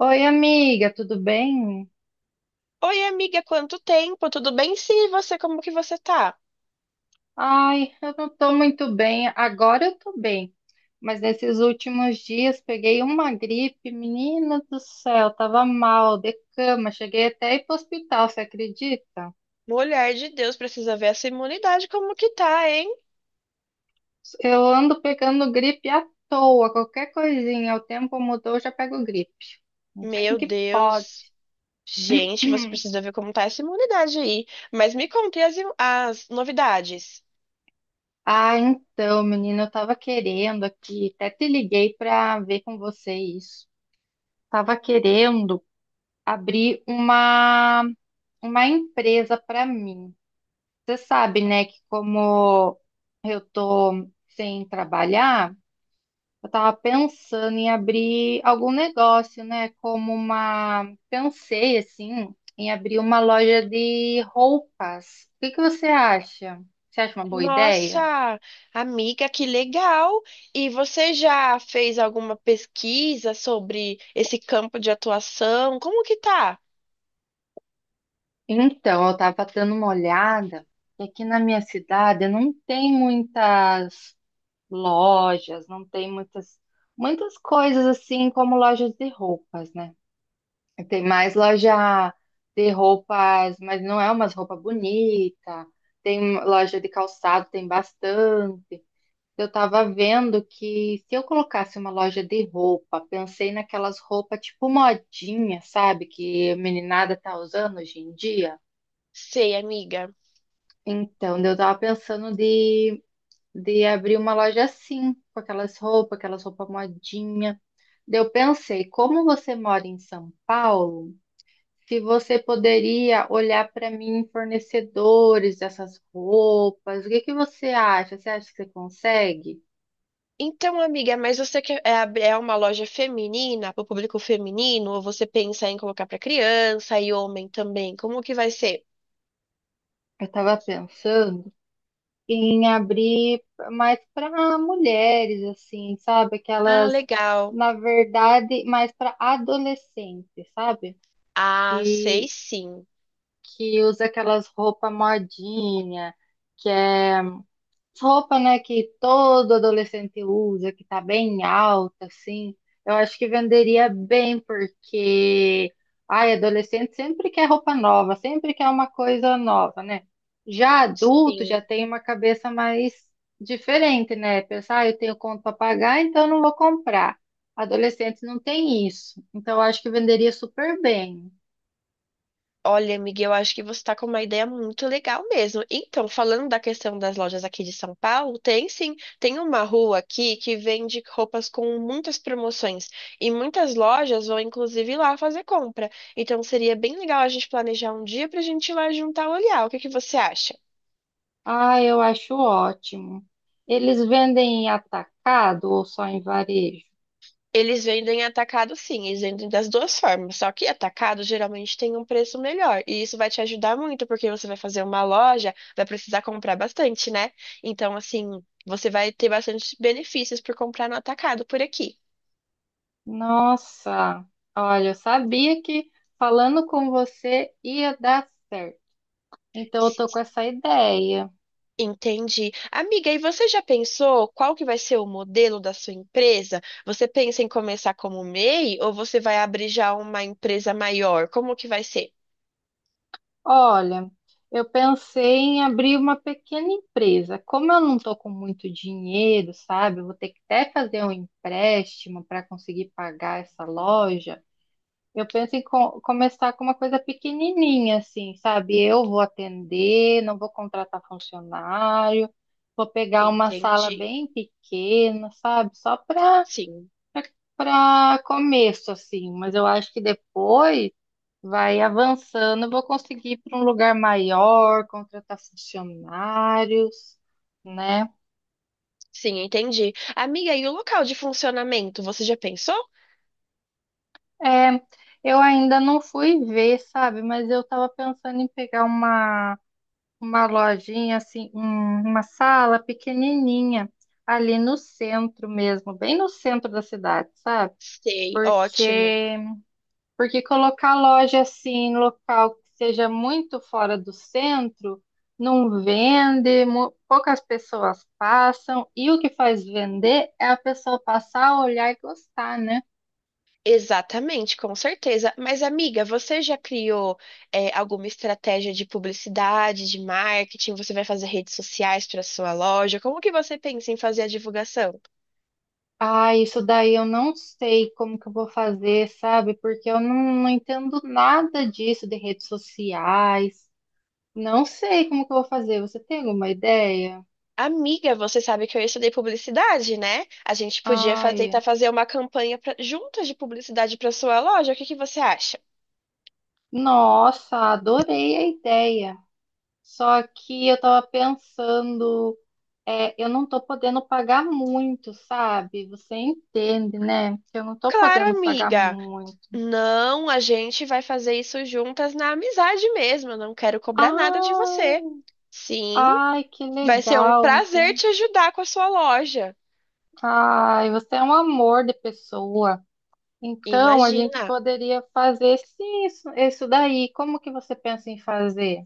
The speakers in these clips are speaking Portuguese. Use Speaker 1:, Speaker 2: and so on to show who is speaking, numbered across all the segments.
Speaker 1: Oi, amiga, tudo bem?
Speaker 2: Oi, amiga, quanto tempo? Tudo bem? Sim, e você, como que você tá?
Speaker 1: Ai, eu não tô muito bem. Agora eu tô bem, mas nesses últimos dias peguei uma gripe, menina do céu, tava mal, de cama, cheguei até a ir pro hospital, você acredita?
Speaker 2: Mulher de Deus, precisa ver essa imunidade como que tá, hein?
Speaker 1: Eu ando pegando gripe à toa, qualquer coisinha, o tempo mudou, eu já pego gripe. Não sei o
Speaker 2: Meu
Speaker 1: que pode.
Speaker 2: Deus. Gente, você precisa ver como tá essa imunidade aí. Mas me conte as novidades.
Speaker 1: Ah, então, menina, eu tava querendo aqui, até te liguei pra ver com você isso. Tava querendo abrir uma empresa para mim. Você sabe, né, que como eu tô sem trabalhar, eu tava pensando em abrir algum negócio, né, como uma, pensei assim, em abrir uma loja de roupas. O que que você acha? Você acha uma boa ideia?
Speaker 2: Nossa, amiga, que legal! E você já fez alguma pesquisa sobre esse campo de atuação? Como que tá?
Speaker 1: Então, eu tava dando uma olhada, e aqui na minha cidade não tem muitas lojas, não tem muitas, muitas coisas assim como lojas de roupas, né? Tem mais loja de roupas, mas não é umas roupas bonitas. Tem loja de calçado, tem bastante. Eu tava vendo que se eu colocasse uma loja de roupa, pensei naquelas roupas tipo modinha, sabe? Que a meninada tá usando hoje em dia.
Speaker 2: Sei, amiga.
Speaker 1: Então, eu tava pensando de abrir uma loja assim, com aquelas roupas modinha. Eu pensei, como você mora em São Paulo, se você poderia olhar para mim fornecedores dessas roupas, o que que você acha? Você acha que você consegue?
Speaker 2: Então, amiga, mas você quer é uma loja feminina, para o público feminino, ou você pensa em colocar para criança e homem também? Como que vai ser?
Speaker 1: Eu estava pensando em abrir mais para mulheres, assim, sabe?
Speaker 2: Ah,
Speaker 1: Aquelas,
Speaker 2: legal.
Speaker 1: na verdade, mais para adolescentes, sabe?
Speaker 2: Ah, sei
Speaker 1: Que,
Speaker 2: sim.
Speaker 1: que usa aquelas roupas modinha, que é roupa, né, que todo adolescente usa, que tá bem alta, assim, eu acho que venderia bem, porque, ai, adolescente sempre quer roupa nova, sempre quer uma coisa nova, né? Já adulto já
Speaker 2: Sim.
Speaker 1: tem uma cabeça mais diferente, né? Pensar, ah, eu tenho conta para pagar, então não vou comprar. Adolescente não tem isso, então eu acho que venderia super bem.
Speaker 2: Olha, Miguel, eu acho que você está com uma ideia muito legal mesmo. Então, falando da questão das lojas aqui de São Paulo, tem sim, tem uma rua aqui que vende roupas com muitas promoções e muitas lojas vão inclusive lá fazer compra. Então, seria bem legal a gente planejar um dia para a gente ir lá juntar e olhar. O que que você acha?
Speaker 1: Ah, eu acho ótimo. Eles vendem em atacado ou só em varejo?
Speaker 2: Eles vendem atacado, sim, eles vendem das duas formas. Só que atacado geralmente tem um preço melhor. E isso vai te ajudar muito, porque você vai fazer uma loja, vai precisar comprar bastante, né? Então, assim, você vai ter bastante benefícios por comprar no atacado por aqui.
Speaker 1: Nossa, olha, eu sabia que falando com você ia dar certo. Então eu tô com essa ideia.
Speaker 2: Entendi. Amiga, e você já pensou qual que vai ser o modelo da sua empresa? Você pensa em começar como MEI ou você vai abrir já uma empresa maior? Como que vai ser?
Speaker 1: Olha, eu pensei em abrir uma pequena empresa. Como eu não tô com muito dinheiro, sabe? Eu vou ter que até fazer um empréstimo para conseguir pagar essa loja. Eu penso em começar com uma coisa pequenininha, assim, sabe? Eu vou atender, não vou contratar funcionário, vou pegar uma sala
Speaker 2: Entendi.
Speaker 1: bem pequena, sabe? Só para
Speaker 2: Sim,
Speaker 1: começo, assim. Mas eu acho que depois vai avançando, eu vou conseguir ir para um lugar maior, contratar funcionários, né?
Speaker 2: sim, entendi. Amiga, e o local de funcionamento, você já pensou?
Speaker 1: É, eu ainda não fui ver, sabe? Mas eu estava pensando em pegar uma lojinha assim, uma sala pequenininha ali no centro mesmo, bem no centro da cidade, sabe?
Speaker 2: Sei, ótimo.
Speaker 1: Porque porque colocar loja assim em local que seja muito fora do centro não vende, poucas pessoas passam e o que faz vender é a pessoa passar, olhar e gostar, né?
Speaker 2: Exatamente, com certeza. Mas, amiga, você já criou, alguma estratégia de publicidade, de marketing? Você vai fazer redes sociais para sua loja? Como que você pensa em fazer a divulgação?
Speaker 1: Ah, isso daí eu não sei como que eu vou fazer, sabe? Porque eu não, Não entendo nada disso de redes sociais. Não sei como que eu vou fazer. Você tem alguma ideia?
Speaker 2: Amiga, você sabe que eu estudei publicidade, né? A gente podia
Speaker 1: Ai,
Speaker 2: tentar fazer uma campanha juntas de publicidade para sua loja. O que que você acha?
Speaker 1: nossa, adorei a ideia. Só que eu tava pensando, eu não tô podendo pagar muito, sabe? Você entende, né? Que eu não tô
Speaker 2: Claro,
Speaker 1: podendo pagar
Speaker 2: amiga.
Speaker 1: muito.
Speaker 2: Não, a gente vai fazer isso juntas na amizade mesmo. Eu não quero cobrar nada de
Speaker 1: Ah,
Speaker 2: você. Sim,
Speaker 1: ai, que
Speaker 2: vai ser um
Speaker 1: legal,
Speaker 2: prazer
Speaker 1: então.
Speaker 2: te ajudar com a sua loja.
Speaker 1: Ai, você é um amor de pessoa. Então, a gente
Speaker 2: Imagina.
Speaker 1: poderia fazer sim, isso daí. Como que você pensa em fazer?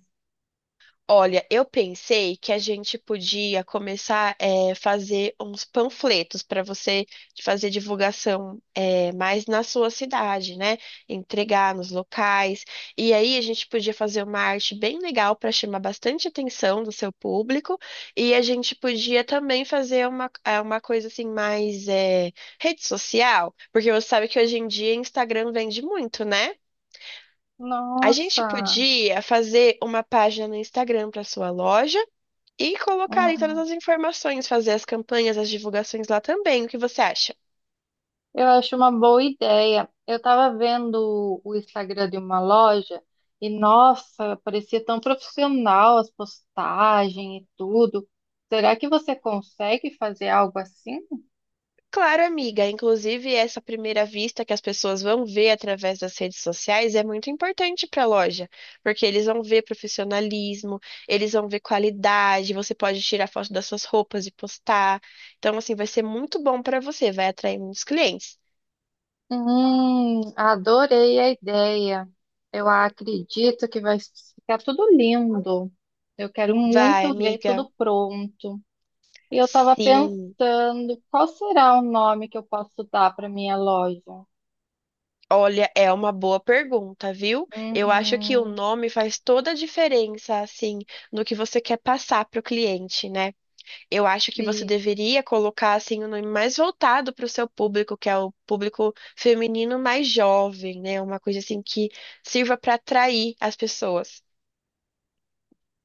Speaker 2: Olha, eu pensei que a gente podia começar a fazer uns panfletos para você fazer divulgação mais na sua cidade, né? Entregar nos locais. E aí a gente podia fazer uma arte bem legal para chamar bastante atenção do seu público. E a gente podia também fazer uma coisa assim mais rede social, porque você sabe que hoje em dia Instagram vende muito, né? A gente
Speaker 1: Nossa.
Speaker 2: podia fazer uma página no Instagram para sua loja e colocar ali todas as informações, fazer as campanhas, as divulgações lá também. O que você acha?
Speaker 1: Eu acho uma boa ideia. Eu estava vendo o Instagram de uma loja e, nossa, parecia tão profissional as postagens e tudo. Será que você consegue fazer algo assim?
Speaker 2: Claro, amiga. Inclusive, essa primeira vista que as pessoas vão ver através das redes sociais é muito importante para a loja, porque eles vão ver profissionalismo, eles vão ver qualidade. Você pode tirar foto das suas roupas e postar. Então, assim, vai ser muito bom para você, vai atrair muitos clientes.
Speaker 1: Adorei a ideia. Eu acredito que vai ficar tudo lindo. Eu quero
Speaker 2: Vai,
Speaker 1: muito ver
Speaker 2: amiga.
Speaker 1: tudo pronto. E eu estava
Speaker 2: Sim.
Speaker 1: pensando, qual será o nome que eu posso dar para minha loja?
Speaker 2: Olha, é uma boa pergunta, viu? Eu acho que o
Speaker 1: Uhum.
Speaker 2: nome faz toda a diferença, assim, no que você quer passar para o cliente, né? Eu acho que você deveria colocar, assim, um nome mais voltado para o seu público, que é o público feminino mais jovem, né? Uma coisa, assim, que sirva para atrair as pessoas.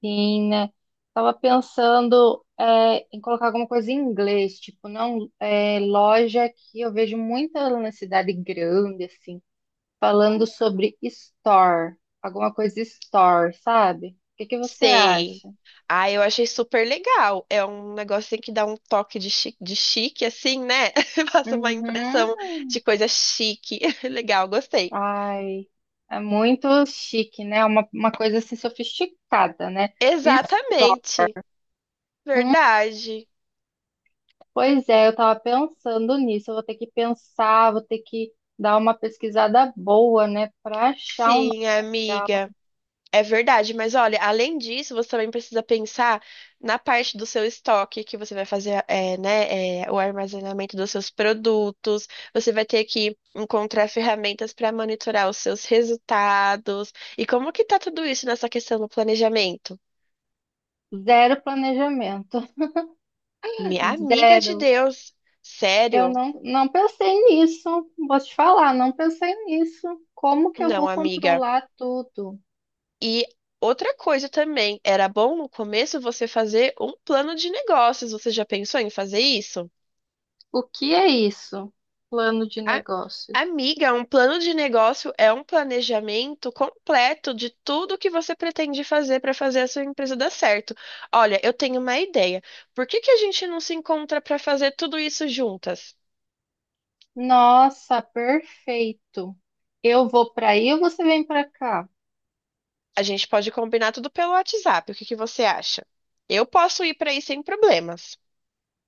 Speaker 1: Sim, né? Tava pensando em colocar alguma coisa em inglês, tipo, não, é, loja que eu vejo muita na cidade grande, assim, falando sobre store, alguma coisa store, sabe? O que que você
Speaker 2: Sei.
Speaker 1: acha?
Speaker 2: Ah, eu achei super legal. É um negócio assim, que dá um toque de de chique, assim, né? Passa uma
Speaker 1: Uhum.
Speaker 2: impressão de coisa chique. Legal, gostei.
Speaker 1: Ai, é muito chique, né? É uma coisa assim sofisticada, né? Isso,
Speaker 2: Exatamente. Verdade.
Speaker 1: pois é, eu tava pensando nisso. Eu vou ter que pensar, vou ter que dar uma pesquisada boa, né? Pra achar um
Speaker 2: Sim,
Speaker 1: lugar.
Speaker 2: amiga. É verdade, mas olha, além disso, você também precisa pensar na parte do seu estoque que você vai fazer, o armazenamento dos seus produtos. Você vai ter que encontrar ferramentas para monitorar os seus resultados. E como que tá tudo isso nessa questão do planejamento?
Speaker 1: Zero planejamento.
Speaker 2: Minha amiga de
Speaker 1: Zero.
Speaker 2: Deus,
Speaker 1: Eu
Speaker 2: sério?
Speaker 1: não, Não pensei nisso. Vou te falar, não pensei nisso. Como que eu
Speaker 2: Não,
Speaker 1: vou
Speaker 2: amiga.
Speaker 1: controlar tudo?
Speaker 2: E outra coisa também, era bom no começo você fazer um plano de negócios. Você já pensou em fazer isso?
Speaker 1: O que é isso? Plano de
Speaker 2: A-
Speaker 1: negócios.
Speaker 2: Amiga, um plano de negócio é um planejamento completo de tudo que você pretende fazer para fazer a sua empresa dar certo. Olha, eu tenho uma ideia. Por que que a gente não se encontra para fazer tudo isso juntas?
Speaker 1: Nossa, perfeito. Eu vou para aí ou você vem para cá?
Speaker 2: A gente pode combinar tudo pelo WhatsApp. O que que você acha? Eu posso ir para aí sem problemas.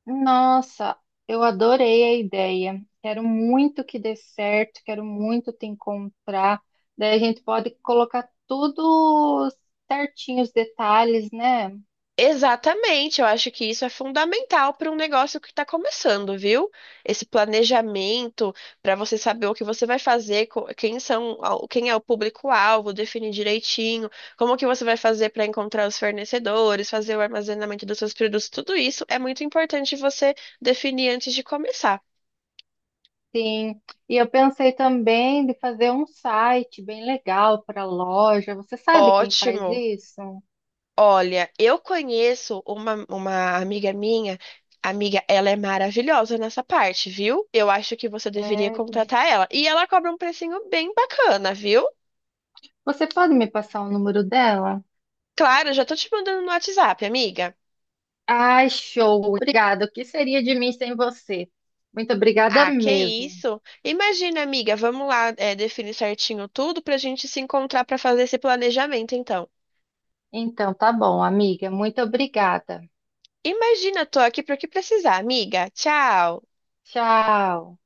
Speaker 1: Nossa, eu adorei a ideia. Quero muito que dê certo, quero muito te encontrar. Daí a gente pode colocar tudo certinho, os detalhes, né?
Speaker 2: Exatamente, eu acho que isso é fundamental para um negócio que está começando, viu? Esse planejamento para você saber o que você vai fazer, quem são, quem é o público-alvo, definir direitinho, como que você vai fazer para encontrar os fornecedores, fazer o armazenamento dos seus produtos, tudo isso é muito importante você definir antes de começar.
Speaker 1: Sim, e eu pensei também de fazer um site bem legal para loja. Você sabe quem faz
Speaker 2: Ótimo.
Speaker 1: isso?
Speaker 2: Olha, eu conheço uma amiga minha. Amiga, ela é maravilhosa nessa parte, viu? Eu acho que você deveria
Speaker 1: É,
Speaker 2: contratar ela. E ela cobra um precinho bem bacana, viu?
Speaker 1: você pode me passar o número dela?
Speaker 2: Claro, já tô te mandando no WhatsApp, amiga.
Speaker 1: Ai, show! Obrigada. O que seria de mim sem você? Muito obrigada
Speaker 2: Ah, que
Speaker 1: mesmo.
Speaker 2: isso? Imagina, amiga, vamos lá, definir certinho tudo pra gente se encontrar pra fazer esse planejamento, então.
Speaker 1: Então, tá bom, amiga. Muito obrigada.
Speaker 2: Imagina, tô aqui para o que precisar, amiga. Tchau.
Speaker 1: Tchau.